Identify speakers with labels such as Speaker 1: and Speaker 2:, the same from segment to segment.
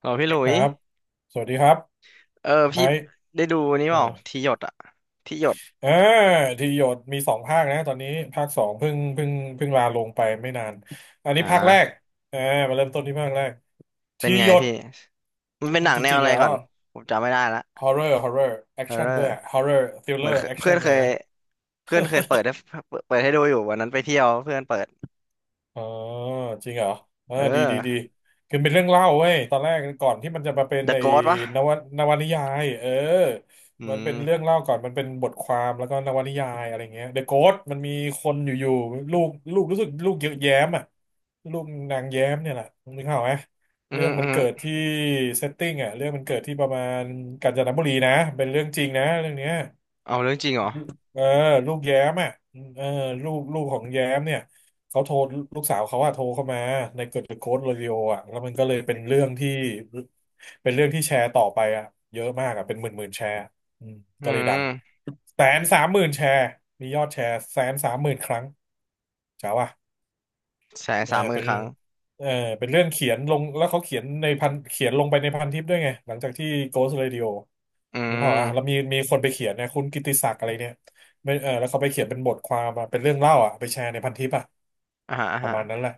Speaker 1: เหรอพี่หลุ
Speaker 2: ค
Speaker 1: ย
Speaker 2: รับ สวัสดีครับ
Speaker 1: เออ
Speaker 2: ไอ
Speaker 1: พี่
Speaker 2: ซ์
Speaker 1: ได้ดูนี่
Speaker 2: เอ
Speaker 1: เป
Speaker 2: อ
Speaker 1: ล่าที่หยดอะที่หยด
Speaker 2: อ่าทีหยดมีสองภาคนะตอนนี้ภาคสองเพิ่งลาลงไปไม่นาน อัน
Speaker 1: อ่
Speaker 2: นี้ภาคแรก
Speaker 1: า
Speaker 2: อ่ามาเริ่มต้นที่ภาคแรก
Speaker 1: เป็
Speaker 2: ที
Speaker 1: นไง
Speaker 2: หยด
Speaker 1: พี่มันเป็นหนัง
Speaker 2: จ
Speaker 1: แนว
Speaker 2: ริง
Speaker 1: อะ
Speaker 2: ๆ
Speaker 1: ไร
Speaker 2: แล้ว
Speaker 1: ก่อน
Speaker 2: อะ
Speaker 1: ผมจำไม่ได้ละ
Speaker 2: horror
Speaker 1: เอร์เร
Speaker 2: action
Speaker 1: อ
Speaker 2: ด้
Speaker 1: ร์
Speaker 2: วย horror
Speaker 1: เหมือน
Speaker 2: thriller
Speaker 1: เคยเพื่อ
Speaker 2: action
Speaker 1: นเค
Speaker 2: เลย
Speaker 1: ย
Speaker 2: นะ
Speaker 1: เพื่อนเคยเปิดให้ดูอยู่วันนั้นไปเที่ยวเพื่อนเปิด
Speaker 2: อ๋อจริงเหรอเออ
Speaker 1: เอ
Speaker 2: ดี
Speaker 1: อ
Speaker 2: คือเป็นเรื่องเล่าเว้ยตอนแรกก่อนที่มันจะมาเป็น
Speaker 1: The
Speaker 2: ใน
Speaker 1: Ghost วะ
Speaker 2: นวนวนิยาย
Speaker 1: อื
Speaker 2: มันเป็น
Speaker 1: ม
Speaker 2: เรื่องเล่าก่อนมันเป็นบทความแล้วก็นวนิยายอะไรเงี้ยเดอะโกสมันมีคนอยู่ๆลูกรู้สึกลูกเยอะแย้มอ่ะลูกนางแย้มเนี่ยแหละนึกภาพออกไหม
Speaker 1: อื
Speaker 2: เรื่
Speaker 1: ม
Speaker 2: อง
Speaker 1: อื
Speaker 2: มัน
Speaker 1: ม
Speaker 2: เกิดที่เซตติ้งอ่ะเรื่องมันเกิดที่ประมาณกาญจนบุรีนะเป็นเรื่องจริงนะเรื่องเนี้ย
Speaker 1: เอาเรื่องจริงเหรอ
Speaker 2: เออลูกแย้มอ่ะเออลูกของแย้มเนี่ยเขาโทรลูกสาวเขาอะโทรเข้ามาในเกิดโค้ดโรดิโออ่ะแล้วมันก็เลยเป็นเรื่องที่แชร์ต่อไปอ่ะเยอะมากอ่ะเป็นหมื่นหมื่นแชร์อืม
Speaker 1: อื
Speaker 2: ก็เลยดัง
Speaker 1: ม
Speaker 2: แสนสามหมื่นแชร์มียอดแชร์130,000 ครั้งจ๋าว่ะ
Speaker 1: แสนสามหมื่น
Speaker 2: เป็น
Speaker 1: ครั้ง
Speaker 2: เออเป็นเรื่องเขียนลงแล้วเขาเขียนในพันเขียนลงไปในพันทิปด้วยไงหลังจากที่ Ghost Radio
Speaker 1: อื
Speaker 2: นึกภาพอ่ะแล้ว
Speaker 1: ม
Speaker 2: มีคนไปเขียนนะคุณกิตติศักดิ์อะไรเนี่ยไม่แล้วเขาไปเขียนเป็นบทความมาเป็นเรื่องเล่าอ่ะไปแชร์ในพันทิปอ่ะ
Speaker 1: อ่าฮะอ่า
Speaker 2: ประ
Speaker 1: ฮะ
Speaker 2: มาณนั้นแหละ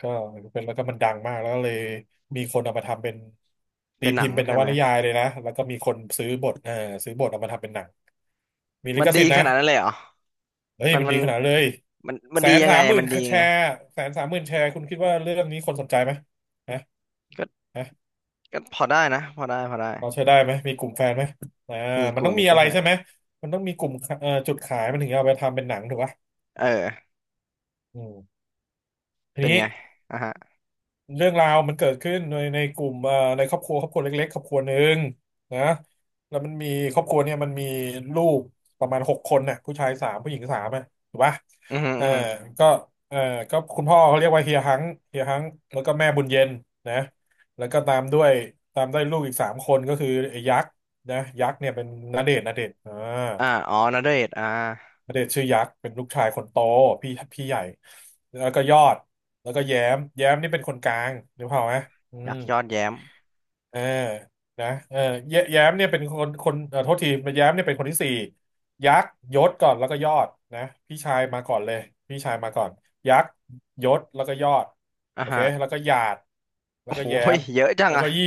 Speaker 2: ก็เป็นแล้วก็มันดังมากแล้วก็เลยมีคนเอามาทำเป็นตี
Speaker 1: เป็นห
Speaker 2: พิ
Speaker 1: นั
Speaker 2: ม
Speaker 1: ง
Speaker 2: พ์เป็นน
Speaker 1: ใช่
Speaker 2: ว
Speaker 1: ไหม
Speaker 2: นิยายเลยนะแล้วก็มีคนซื้อบทซื้อบทเอามาทำเป็นหนังมีลิ
Speaker 1: มัน
Speaker 2: ข
Speaker 1: ดี
Speaker 2: สิทธิ์
Speaker 1: ข
Speaker 2: นะ
Speaker 1: นาดนั้นเลยเหรอ
Speaker 2: เฮ้ย
Speaker 1: มัน
Speaker 2: มัน
Speaker 1: มั
Speaker 2: ดี
Speaker 1: น
Speaker 2: ขนาดเลย
Speaker 1: มัน
Speaker 2: แส
Speaker 1: ดี
Speaker 2: น
Speaker 1: ยัง
Speaker 2: สา
Speaker 1: ไง
Speaker 2: มหมื่น
Speaker 1: มันดียั
Speaker 2: แช
Speaker 1: งไง
Speaker 2: ร์แสนสามหมื่นแชร์คุณคิดว่าเรื่องนี้คนสนใจไหมนะ
Speaker 1: ก็
Speaker 2: นะ
Speaker 1: ก็พอได้นะพอได้พอได้
Speaker 2: พอใช้ได้ไหมมีกลุ่มแฟนไหมอ่า
Speaker 1: มีก
Speaker 2: มัน
Speaker 1: ลุ่
Speaker 2: ต้
Speaker 1: ม
Speaker 2: อง
Speaker 1: มี
Speaker 2: มี
Speaker 1: ก
Speaker 2: อะ
Speaker 1: ลุ่ม
Speaker 2: ไร
Speaker 1: แฟ
Speaker 2: ใช่
Speaker 1: น
Speaker 2: ไหมมันต้องมีกลุ่มจุดขายมันถึงจะเอาไปทำเป็นหนังถูกปะ
Speaker 1: เออ
Speaker 2: อืมที
Speaker 1: เป็น
Speaker 2: นี้
Speaker 1: ไงอ่ะฮะ
Speaker 2: เรื่องราวมันเกิดขึ้นในกลุ่มในครอบครัวเล็กๆครอบครัวหนึ่งนะแล้วมันมีครอบครัวเนี่ยมันมีลูกประมาณหกคนน่ะผู้ชายสามผู้หญิงสามอ่ะถูกปะ
Speaker 1: อือฮึ
Speaker 2: เออ
Speaker 1: อือฮึ
Speaker 2: ก็เออก็คุณพ่อเขาเรียกว่าเฮียฮังเฮียฮังแล้วก็แม่บุญเย็นนะแล้วก็ตามด้วยลูกอีกสามคนก็คือไอ้ยักษ์นะยักษ์เนี่ยเป็นณเดชน์อ่า
Speaker 1: อ่าอ๋อนาเดชน์อ่า
Speaker 2: ณเดชน์ชื่อยักษ์เป็นลูกชายคนโตพี่ใหญ่แล้วก็ยอดแล้วก็แย้มแย้มนี่เป็นคนกลางนึกภาพไหมอื
Speaker 1: ยั
Speaker 2: ม
Speaker 1: กษ์ยอดแย้ม
Speaker 2: เออนะแย้มเนี่ยเป็นคนคนโทษทีแย้มเนี่ยเป็นคนที่สี่ยักษ์ยศก่อนแล้วก็ยอดนะพี่ชายมาก่อนเลยพี่ชายมาก่อนยักษ์ยศแล้วก็ยอด
Speaker 1: อ่ะ
Speaker 2: โอเค
Speaker 1: ฮะ
Speaker 2: แล้วก็หยาดแล้
Speaker 1: โอ้
Speaker 2: วก็
Speaker 1: โห
Speaker 2: แย้ม
Speaker 1: เยอะจัง
Speaker 2: แล้ว
Speaker 1: อ่ะ
Speaker 2: ก็ยี่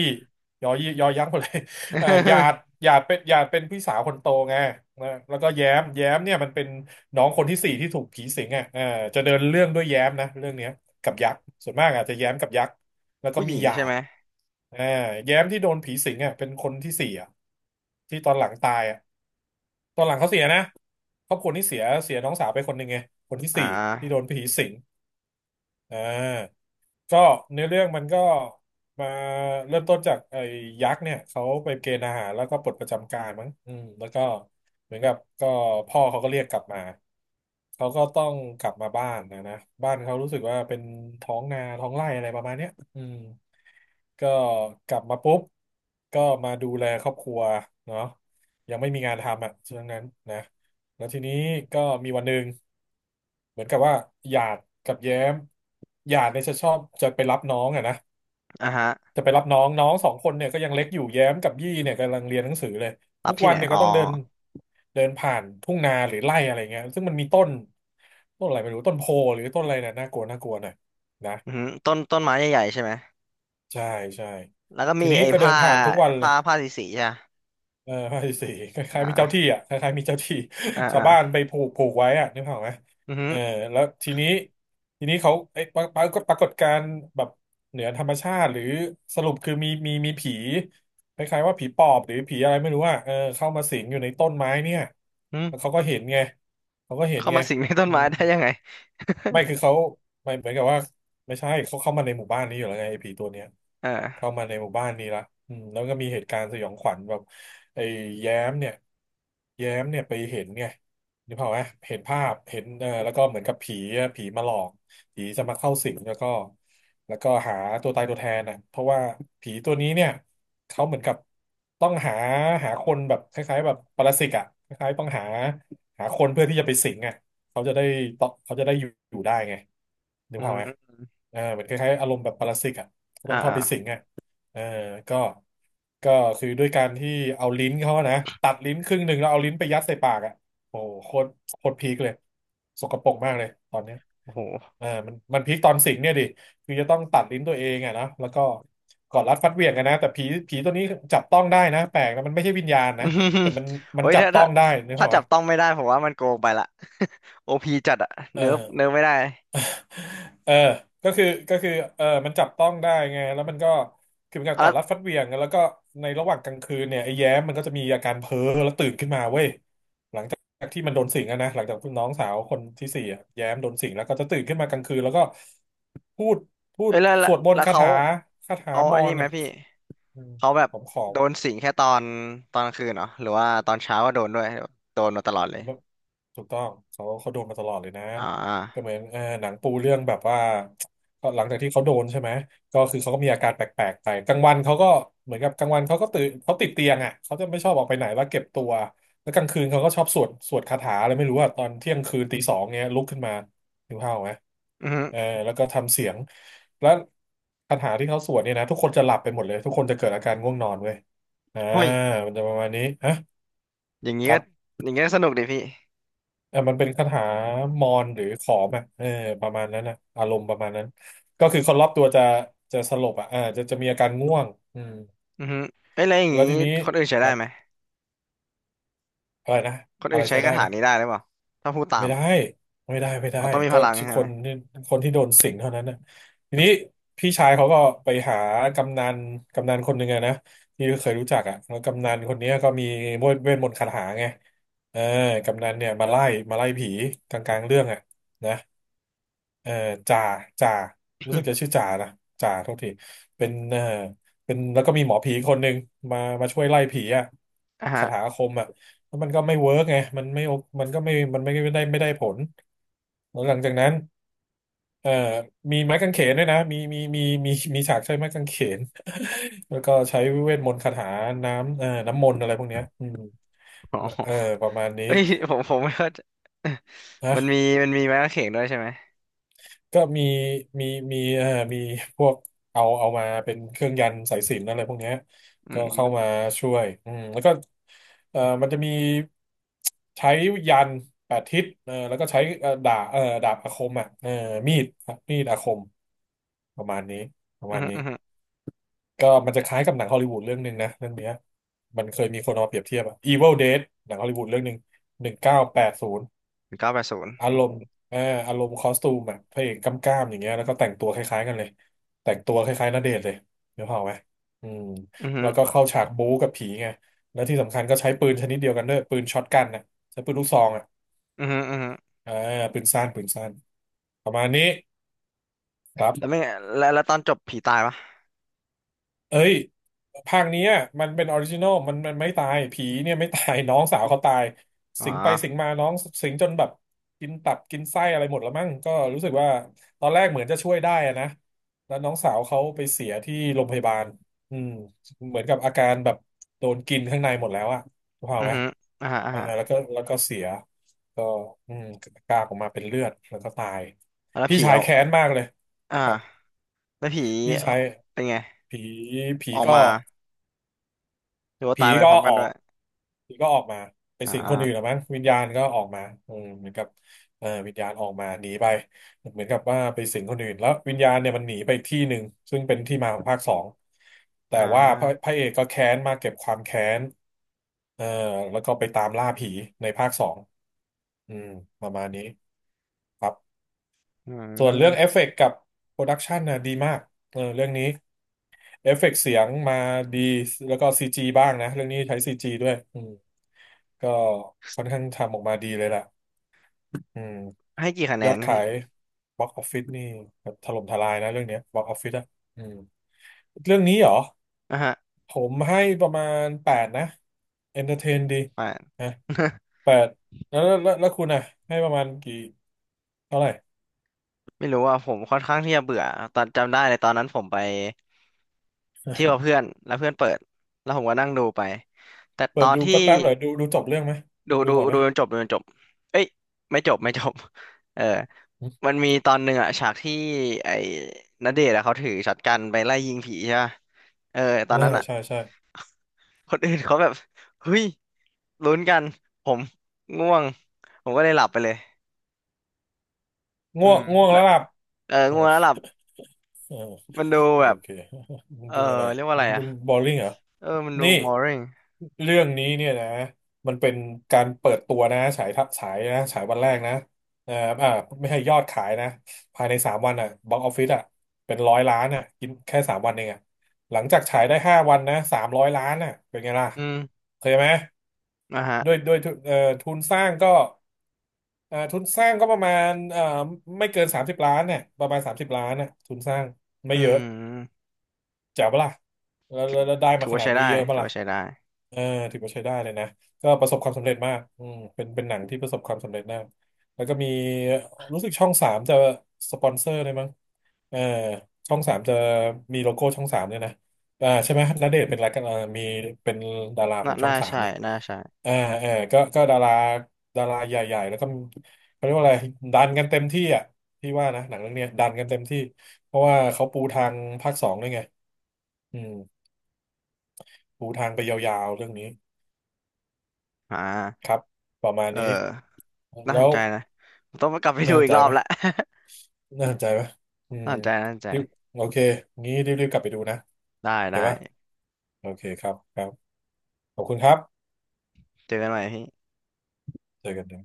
Speaker 2: ยอยี่ยอยักษ์หมดเลย เออหยาด หยาดเป็นพี่สาวคนโตไงนะแล้วก็แย้มแย้มเนี่ยมันเป็นน้องคนที่สี่ที่ถูกผีสิงอ่ะเออจะเดินเรื่องด้วยแย้มนะเรื่องเนี้ยกับยักษ์ส่วนมากอาจจะแย้มกับยักษ์ แล้วก็
Speaker 1: ผู้ห
Speaker 2: มี
Speaker 1: ญิง
Speaker 2: หยา
Speaker 1: ใช่
Speaker 2: ด
Speaker 1: ไหม
Speaker 2: อ่าแย้มที่โดนผีสิงอ่ะเป็นคนที่สี่อ่ะที่ตอนหลังตายอ่ะตอนหลังเขาเสียนะครอบครัวนี้เสียน้องสาวไปคนหนึ่งไงคนที่
Speaker 1: อ่
Speaker 2: สี่ที่โด
Speaker 1: า
Speaker 2: นผีสิงอ่า ก็เนื้อเรื่องมันก็มาเริ่มต้นจากไอ้ยักษ์เนี่ยเขาไปเกณฑ์ทหารแล้วก็ปลดประจำการมั้งอืมแล้วก็เหมือนกับก็พ่อเขาก็เรียกกลับมาเขาก็ต้องกลับมาบ้านนะนะบ้านเขารู้สึกว่าเป็นท้องนาท้องไร่อะไรประมาณเนี้ยอืมก็กลับมาปุ๊บก็มาดูแลครอบครัวเนาะยังไม่มีงานทำอ่ะช่วงนั้นนะแล้วทีนี้ก็มีวันหนึ่ง เหมือนกับว่าหยาดกับแย้มหยาดเนี่ยจะชอบจะไปรับน้องอะนะ
Speaker 1: อ่ะฮะ
Speaker 2: จะไปรับน้องน้องสองคนเนี่ยก็ยังเล็กอยู่แย้มกับยี่เนี่ยกำลังเรียนหนังสือเลย
Speaker 1: รั
Speaker 2: ทุ
Speaker 1: บ
Speaker 2: ก
Speaker 1: ที่
Speaker 2: วั
Speaker 1: ไห
Speaker 2: น
Speaker 1: น
Speaker 2: เนี่ย
Speaker 1: อ๋
Speaker 2: ก็
Speaker 1: อ
Speaker 2: ต้องเดินเดินผ่านทุ่งนาหรือไร่อะไรเงี้ยซึ่งมันมีต้นอะไรไม่รู้ต้นโพหรือต้นอะไรเนี่ยน่ากลัวน่ากลัวหน่อยนะ
Speaker 1: อือฮึต้นไม้ใหญ่ๆใช่ไหม
Speaker 2: ใช่ใช่
Speaker 1: แล้วก็
Speaker 2: ที
Speaker 1: มี
Speaker 2: นี้
Speaker 1: ไอ้
Speaker 2: ก็เดิ
Speaker 1: ผ้า
Speaker 2: นผ่านทุกวันเล
Speaker 1: ผ้า
Speaker 2: ย
Speaker 1: ผ้าสีใช่ปะ
Speaker 2: เออภาคที่สี่ค
Speaker 1: อ่
Speaker 2: ล้ายๆมีเจ้าที่
Speaker 1: า
Speaker 2: อ่ะคล้ายๆมีเจ้าที่
Speaker 1: อ่า
Speaker 2: ชาว
Speaker 1: อ่า
Speaker 2: บ้านไปผูกไว้อ่ะนึกภาพออกไหม
Speaker 1: อือฮึ
Speaker 2: เออแล้วทีนี้เขาไอ้ยปรปรากฏการณ์แบบเหนือธรรมชาติหรือสรุปคือมีผีคล้ายๆว่าผีปอบหรือผีอะไรไม่รู้อ่ะเออเข้ามาสิงอยู่ในต้นไม้เนี่ย
Speaker 1: อือ
Speaker 2: แล้ว
Speaker 1: ฮึ
Speaker 2: เขาก็เห็นไงเขาก็เห็น
Speaker 1: เข้า
Speaker 2: ไง
Speaker 1: มาสิงในต้น
Speaker 2: อื
Speaker 1: ไม้
Speaker 2: ม
Speaker 1: ได้ยังไง
Speaker 2: ไม่คือเขาไม่เหมือนกับว่าไม่ใช่เขาเข้ามาในหมู่บ้านนี้อยู่แล้วไงไอ้ผีตัวเนี้ย เข้า
Speaker 1: เออ
Speaker 2: มาในหมู่บ้านนี้ละอืมแล้วก็มีเหตุการณ์สยองขวัญแบบไอ้แย้มเนี่ยแย้มเนี่ยไปเห็นไงนึกภาพไหมเห็นภาพเห็นเออแล้วก็เหมือนกับผีอะผีมาหลอกผีจะมาเข้าสิงแล้วก็หาตัวตายตัวแทนน่ะเพราะว่าผีตัวนี้เนี่ยเขาเหมือนกับต้องหาคนแบบคล้ายๆแบบปรสิตอ่ะคล้ายๆต้องหาคนเพื่อที่จะไปสิงอ่ะเขาจะได้ต่อเขาจะได้อยู่อยู่ได้ไงนึก
Speaker 1: อื
Speaker 2: ภาพ
Speaker 1: อ
Speaker 2: ไหม
Speaker 1: ฮึ
Speaker 2: เออเหมือนคล้ายๆอารมณ์แบบปรสิตอ่ะก็
Speaker 1: อ่า
Speaker 2: ต้องเข้า
Speaker 1: อ่า
Speaker 2: ไปสิงอ่ะ เออก็ก็คือด้วยการที่เอาลิ้นเขาอะนะตัดลิ้นครึ่งหนึ่งแล้วเอาลิ้นไปยัดใส่ปากอ่ะโอ้โหโคตรพีคเลยสกปรกมากเลยตอนเนี้ย
Speaker 1: โอ้โห
Speaker 2: เออมันพีคตอนสิงเนี่ยดิคือจะต้องตัดลิ้นตัวเองอ่ะนะแล้วก็กอดรัดฟัดเหวี่ยงกันนะแต่ผีตัวนี้จับต้องได้นะแปลกนะมันไม่ใช่วิญญาณ
Speaker 1: อื
Speaker 2: นะ
Speaker 1: ม
Speaker 2: แต่มันมั
Speaker 1: โอ้
Speaker 2: น
Speaker 1: ย
Speaker 2: จับ
Speaker 1: ถ้า
Speaker 2: ต้อ
Speaker 1: ถ้า
Speaker 2: งได้นึก
Speaker 1: ถ้า
Speaker 2: ภาพ
Speaker 1: จับ
Speaker 2: วะ
Speaker 1: ต้องไม่ได้ผมว่ามันโกงไปละ โอพีจัดอะ
Speaker 2: เออ
Speaker 1: เนิร์ฟไม่ได้
Speaker 2: เออก็คือเออมันจับต้องได้ไงแล้วมันก็คือเป็นการ
Speaker 1: เอา
Speaker 2: กอ
Speaker 1: แล้
Speaker 2: ด
Speaker 1: ว
Speaker 2: รัดฟัดเหวี่ยงแล้วก็ในระหว่างกลางคืนเนี่ยไอ้แย้มมันก็จะมีอาการเพ้อแล้วตื่นขึ้นมาเว้ยจากที่มันโดนสิงอะนะหลังจากน้องสาวคนที่สี่อะแย้มโดนสิงแล้วก็จะตื่นขึ้นมากลางคืน แล้วก็พูดพู
Speaker 1: เอ้
Speaker 2: ด
Speaker 1: ยแล้วแล้
Speaker 2: ส
Speaker 1: ว
Speaker 2: วดมน
Speaker 1: แล้
Speaker 2: ต์
Speaker 1: ว
Speaker 2: คา
Speaker 1: เขา
Speaker 2: ถาคาถา
Speaker 1: เอา
Speaker 2: ม
Speaker 1: ไอ้
Speaker 2: อน
Speaker 1: นี่ไหม
Speaker 2: เนี่ย
Speaker 1: พี่
Speaker 2: อืม
Speaker 1: เขาแบบ
Speaker 2: ขอม
Speaker 1: โดนสิงแค่ตอนกลางคืนเหรอหรือว่าตอนเช้าก็โดนด้วยโดนมาตลอดเลย
Speaker 2: แล้วถูกต้องเขาเขาโดนมาตลอดเลยนะ
Speaker 1: อ่
Speaker 2: ก็เห
Speaker 1: า
Speaker 2: มือนเออหนังปูเรื่องแบบว่าก็หลังจากที่เขาโดนใช่ไหมก็คือเขาก็มีอาการแปลกๆไปกลางวันเขาก็เหมือนกับกลางวันเขาก็ตื่นเขาติดเตียงอ่ะเขาจะไม่ชอบออกไปไหนแล้วเก็บตัวแล้วกลางคืนเขาก็ชอบสวดคาถาอะไรไม่รู้อ่ะตอนเที่ยงคืนตีสองเงี้ยลุกขึ้นมาหิวข้าวไหม
Speaker 1: อือฮึ
Speaker 2: เออแล้วก็ทำเสียงแล้วคาถาที่เขาสวดเนี่ยนะทุกคนจะหลับไปหมดเลยทุกคนจะเกิดอาการง่วงนอนเว้ยอ่า
Speaker 1: เฮ้ย
Speaker 2: มันจะประมาณนี้ฮะ
Speaker 1: อย่างงี้
Speaker 2: ครั
Speaker 1: ก็
Speaker 2: บ
Speaker 1: อย่างงี้ก็สนุกดิพี่
Speaker 2: อ่ะมันเป็นคาถามอนหรือขอมอ่ะเออประมาณนั้นนะอารมณ์ประมาณนั้นก็คือคนรอบตัวจะจะสลบอ่ะอ่าจะมีอาการง่วงอืม
Speaker 1: อือฮึเอ้ยแล้วอย่าง
Speaker 2: แล้ว
Speaker 1: งี้
Speaker 2: ทีนี้
Speaker 1: คนอื่นใช้
Speaker 2: ค
Speaker 1: ได้
Speaker 2: รับ
Speaker 1: ไหม
Speaker 2: อะไรนะ
Speaker 1: คน
Speaker 2: อะ
Speaker 1: อื่
Speaker 2: ไร
Speaker 1: นใช้
Speaker 2: ใช้ได้
Speaker 1: คาถา
Speaker 2: นะ
Speaker 1: นี้ได้หรือเปล่าถ้าพูดตา
Speaker 2: ไม่
Speaker 1: ม
Speaker 2: ได้
Speaker 1: อะ
Speaker 2: ไม่ได้ไม่ได้
Speaker 1: อ๋อต้องมีพ
Speaker 2: ก็
Speaker 1: ลั
Speaker 2: ค
Speaker 1: ง
Speaker 2: นที่
Speaker 1: ใช่ไหม
Speaker 2: คนที่โดนสิงเท่านั้นนะทีนี้พี่ชายเขาก็ไปหากำนันกำนันคนหนึ่งอะนะที่เคยรู้จักอ่ะแล้วกำนันคนเนี้ยก็มีเวทมนต์คาถาไงเออกำนันเนี่ยมาไล่ผีกลางๆเรื่องอ่ะนะ เอ่อจ่าจ่ารู้สึกจะชื่อจ่านะจ่าโทษทีเป็นเอ่อเป็นแล้วก็มีหมอผีคนหนึ่งมาช่วยไล่ผีอ่ะ
Speaker 1: อ่ะ
Speaker 2: คา
Speaker 1: ฮะ
Speaker 2: ถาอาคมอ่ะแล้วมันก็ไม่เวิร์กไงมันไม่โอมันก็ไม่มันไม่ได้ไม่ได้ผลแล้วหลังจากนั้นเอ่อมีไม้กางเขนด้วยนะมีฉากใช้ไม้กางเขน แล้วก็ใช้เวทมนต์คาถาน้ำเอ่อน้ำมนต์อะไรพวกเนี้ยอืม
Speaker 1: อ๋อ
Speaker 2: เออประมาณนี้
Speaker 1: เอ้ย ผมผมไม่เข้าใจ มัน
Speaker 2: นะ
Speaker 1: มีมันมีไม้กางเขนด้วยใช่ไหม
Speaker 2: ก็มีมีเอ่อมีพวกเอามาเป็นเครื่องยันต์สายสิญจน์อะไรพวกเนี้ย
Speaker 1: อื
Speaker 2: ก็เข้ามา
Speaker 1: ม
Speaker 2: ช่วยอืมแล้วก็เอ่อมันจะมีใช้ยันต์แปดทิศเออแล้วก็ใช้เอ่อดาบอาคมอ่ะเออมีดมีดอาคมประมาณนี้ประ
Speaker 1: อื
Speaker 2: มาณ
Speaker 1: ม
Speaker 2: นี้
Speaker 1: อืม
Speaker 2: ก็มันจะคล้ายกับหนังฮอลลีวูดเรื่องหนึ่งนะเรื่องเนี้ยมันเคยมีคนเอามาเปรียบเทียบอะ Evil Dead หนังฮอลลีวูดเรื่องหนึ่ง1980
Speaker 1: 980
Speaker 2: อาร
Speaker 1: โอ้โห
Speaker 2: มณ์เอออารมณ์คอสตูมแบบพระเอกกำกล้ามอย่างเงี้ยแล้วก็แต่งตัวคล้ายๆกันเลย แต่งตัวคล้ายๆณเดชน์เลยเดี๋ยวเผาไหมอืม
Speaker 1: อือฮึ
Speaker 2: แล้วก็เข้าฉากบู๊กับผีไงแล้วที่สำคัญก็ใช้ปืนชนิดเดียวกันด้วย ปืนช็อตกันนะใช้ปืนลูกซองอ่ะ
Speaker 1: อือฮึอือฮึ
Speaker 2: เออปืนสั้นปืนสั้นประมาณนี้ครั
Speaker 1: แล้ว
Speaker 2: บ
Speaker 1: ไม่แล้วตอนจบผีตายปะ
Speaker 2: เอ้ยภาคเนี้ยมันเป็นออริจินอลมันมันไม่ตายผีเนี่ยไม่ตาย น้องสาวเขาตาย
Speaker 1: อ๋อ
Speaker 2: สิงไปสิงมาน้องสิงจนแบบกินตับกินไส้อะไรหมดแล้วมั้งก็รู้สึกว่าตอนแรกเหมือนจะช่วยได้อะนะแล้วน้องสาวเขาไปเสียที่โรงพยาบาลอืมเหมือนกับอาการแบบโดนกินข้างในหมดแล้วอะถูก
Speaker 1: อือ
Speaker 2: ไหม
Speaker 1: ฮึอ่าฮะอ่าฮะ
Speaker 2: แล้วก็เสียก็อืมกากออกมาเป็นเลือดแล้วก็ตาย
Speaker 1: แล้ว
Speaker 2: พี่
Speaker 1: ผี
Speaker 2: ชาย
Speaker 1: เอา
Speaker 2: แค้นมากเลย
Speaker 1: อ่า
Speaker 2: ครับ
Speaker 1: แล้วผี
Speaker 2: พี่ชาย
Speaker 1: เป็นไง
Speaker 2: ผีผี
Speaker 1: ออก
Speaker 2: ก็
Speaker 1: มาหรือว่า
Speaker 2: ผี
Speaker 1: ตายไป
Speaker 2: ก็
Speaker 1: พร้อมกั
Speaker 2: อ
Speaker 1: น
Speaker 2: อ
Speaker 1: ด้ว
Speaker 2: ก
Speaker 1: ย
Speaker 2: ผีก็ออกมาไป
Speaker 1: อ่
Speaker 2: สิงคนอื่นหรือ
Speaker 1: า
Speaker 2: มั้งวิญญาณก็ออกมาอืมเหมือนกับวิญญาณออกมาหนีไปเหมือนกับว่าไปสิงคนอื่นแล้ววิญญาณเนี่ยมันหนีไปอีกที่หนึ่งซึ่งเป็นที่มาของภาคสองแต่
Speaker 1: อ่
Speaker 2: ว่าพระพ
Speaker 1: า
Speaker 2: ระเอกก็แค้นมาเก็บความแค้นเอ่อแล้วก็ไปตามล่าผีในภาคสองอืมประมาณนี้ครับ
Speaker 1: อื
Speaker 2: ส่วนเรื่องเอ
Speaker 1: ม
Speaker 2: ฟเฟกต์กับโปรดักชันนะดีมากเออเรื่องนี้เอฟเฟกต์เสียงมาดีแล้วก็ซีจีบ้างนะเรื่องนี้ใช้ซีจีด้วย ก็ค่อนข้างทำออกมาดีเลยล่ะอืม
Speaker 1: ให้กี่คะแน
Speaker 2: ยอด
Speaker 1: น
Speaker 2: ขา
Speaker 1: พี่
Speaker 2: ยบล็อกออฟฟิศนี่แบบถล่มทลายนะเรื่องเนี้ยบล็อกออฟฟิศอะอืมเรื่องนี้เหรอ
Speaker 1: อ่าฮะ
Speaker 2: ผมให้ประมาณแปดนะเอนเตอร์เทนดี
Speaker 1: แปด
Speaker 2: นะแปดแล้วคุณอะให้ประมาณกี่เท่าไหร่
Speaker 1: ไม่รู้ว่าผมค่อนข้างที่จะเบื่อตอนจำได้เลยตอนนั้นผมไป เที่ยวกับเพื่อนแล้วเพื่อนเปิดแล้วผมก็นั่งดูไปแต่
Speaker 2: เปิ
Speaker 1: ตอ
Speaker 2: ด
Speaker 1: น
Speaker 2: ดู
Speaker 1: ที่
Speaker 2: แป๊บๆหน่อยดูจบเรื่องไหม
Speaker 1: ดู
Speaker 2: ดู
Speaker 1: ดู
Speaker 2: หมดไหม
Speaker 1: ดูจนจบดูจนจบเอ้ยไม่จบไม่จบเออ
Speaker 2: อม
Speaker 1: มันมีตอนหนึ่งอะฉากที่ไอ้ณเดชน์อะเขาถือช็อตกันไปไล่ยิงผีใช่ป่ะเออตอน
Speaker 2: อ่า
Speaker 1: นั้นอะ
Speaker 2: ใช่ใช่
Speaker 1: คนอื่นเขาแบบเฮ้ยลุ้นกันผมง่วงผมก็เลยหลับไปเลยอื
Speaker 2: ง่วง
Speaker 1: ม
Speaker 2: ง่วง
Speaker 1: แล้
Speaker 2: แล้
Speaker 1: ว
Speaker 2: วหลับ
Speaker 1: เออ
Speaker 2: เอ
Speaker 1: ง่วงแล้วห
Speaker 2: อ
Speaker 1: ลับ
Speaker 2: เออ
Speaker 1: มันดูแบ
Speaker 2: โอ
Speaker 1: บ
Speaker 2: เค มัน
Speaker 1: เออ
Speaker 2: ดูอะไร
Speaker 1: เรียกว่าอะ
Speaker 2: มั
Speaker 1: ไร
Speaker 2: น
Speaker 1: อะ
Speaker 2: ดูบอลลิงเหรอ
Speaker 1: เออมันดู
Speaker 2: นี่
Speaker 1: boring
Speaker 2: เรื่องนี้เนี่ยนะมันเป็นการเปิดตัวนะฉายทัฉายนะฉายวันแรกนะเอ่ออ่าไม่ให้ยอดขายนะภายในสามวันอ่ะบ็อกออฟฟิศอ่ะเป็นร้อยล้านอ่ะกินแค่สามวันเองอ่ะหลังจากฉายได้5 วันนะ300 ล้านอ่ะเป็นไงล่ะ
Speaker 1: อืม
Speaker 2: เคยไหม
Speaker 1: นะฮะ
Speaker 2: ด้วยทุนเอ่อทุนสร้างก็เอ่อทุนสร้างก็ประมาณไม่เกินสามสิบล้านเนี่ยประมาณสามสิบล้านน่ะทุนสร้างไม่
Speaker 1: อื
Speaker 2: เยอะ
Speaker 1: ม
Speaker 2: แจ๋วปะล่ะแล้วได้
Speaker 1: ถื
Speaker 2: มา
Speaker 1: อ
Speaker 2: ข
Speaker 1: ว่า
Speaker 2: นาด
Speaker 1: ใช้
Speaker 2: นี้
Speaker 1: ได้
Speaker 2: เยอะปะ
Speaker 1: ถือ
Speaker 2: ล่ะ
Speaker 1: ว่าใช้ได้
Speaker 2: เออถือว่าใช้ได้เลยนะก็ประสบความสำเร็จมากอืมเป็นหนังที่ประสบความสำเร็จมากแล้วก็มีรู้สึกช่องสามจะสปอนเซอร์เลยมั้งเออช่องสามจะมีโลโก้ช่องสามเนี่ยนะอ่าใช่ไหมณเดชน์เป็นอะไรกันอ่อมีเป็นดาราขอ
Speaker 1: น่า
Speaker 2: งช่อ
Speaker 1: น่า
Speaker 2: งสาม
Speaker 1: ใช่
Speaker 2: นี่
Speaker 1: น่าใช่
Speaker 2: เออเออก็ดาราดาราใหญ่ๆแล้วก็เขาเรียกว่าอะไรดันกันเต็มที่อ่ะพี่ว่านะหนังเรื่องเนี้ยดันกันเต็มที่เพราะว่าเขาปูทางภาคสองด้วยไง อืมปูทางไปยาวๆเรื่องนี้
Speaker 1: อ่
Speaker 2: ค
Speaker 1: า
Speaker 2: รับประมาณ
Speaker 1: เออ
Speaker 2: นี้
Speaker 1: น่าส
Speaker 2: แล้
Speaker 1: น
Speaker 2: ว
Speaker 1: ใจนะผมต้องไปกลับไป
Speaker 2: น่า
Speaker 1: ดู
Speaker 2: สน
Speaker 1: อีก
Speaker 2: ใจ
Speaker 1: รอบ
Speaker 2: ปะ
Speaker 1: ละ
Speaker 2: น่าสนใจปะอื ม
Speaker 1: น่าสนใจน่าสนใจ
Speaker 2: รีบโอเคงี้รีบๆกลับไปดูนะ
Speaker 1: ได้
Speaker 2: โอ
Speaker 1: ได้
Speaker 2: เคปะโอเคครับครับขอบคุณครับ
Speaker 1: เจอกันใหม่พี่
Speaker 2: เจอกันนะ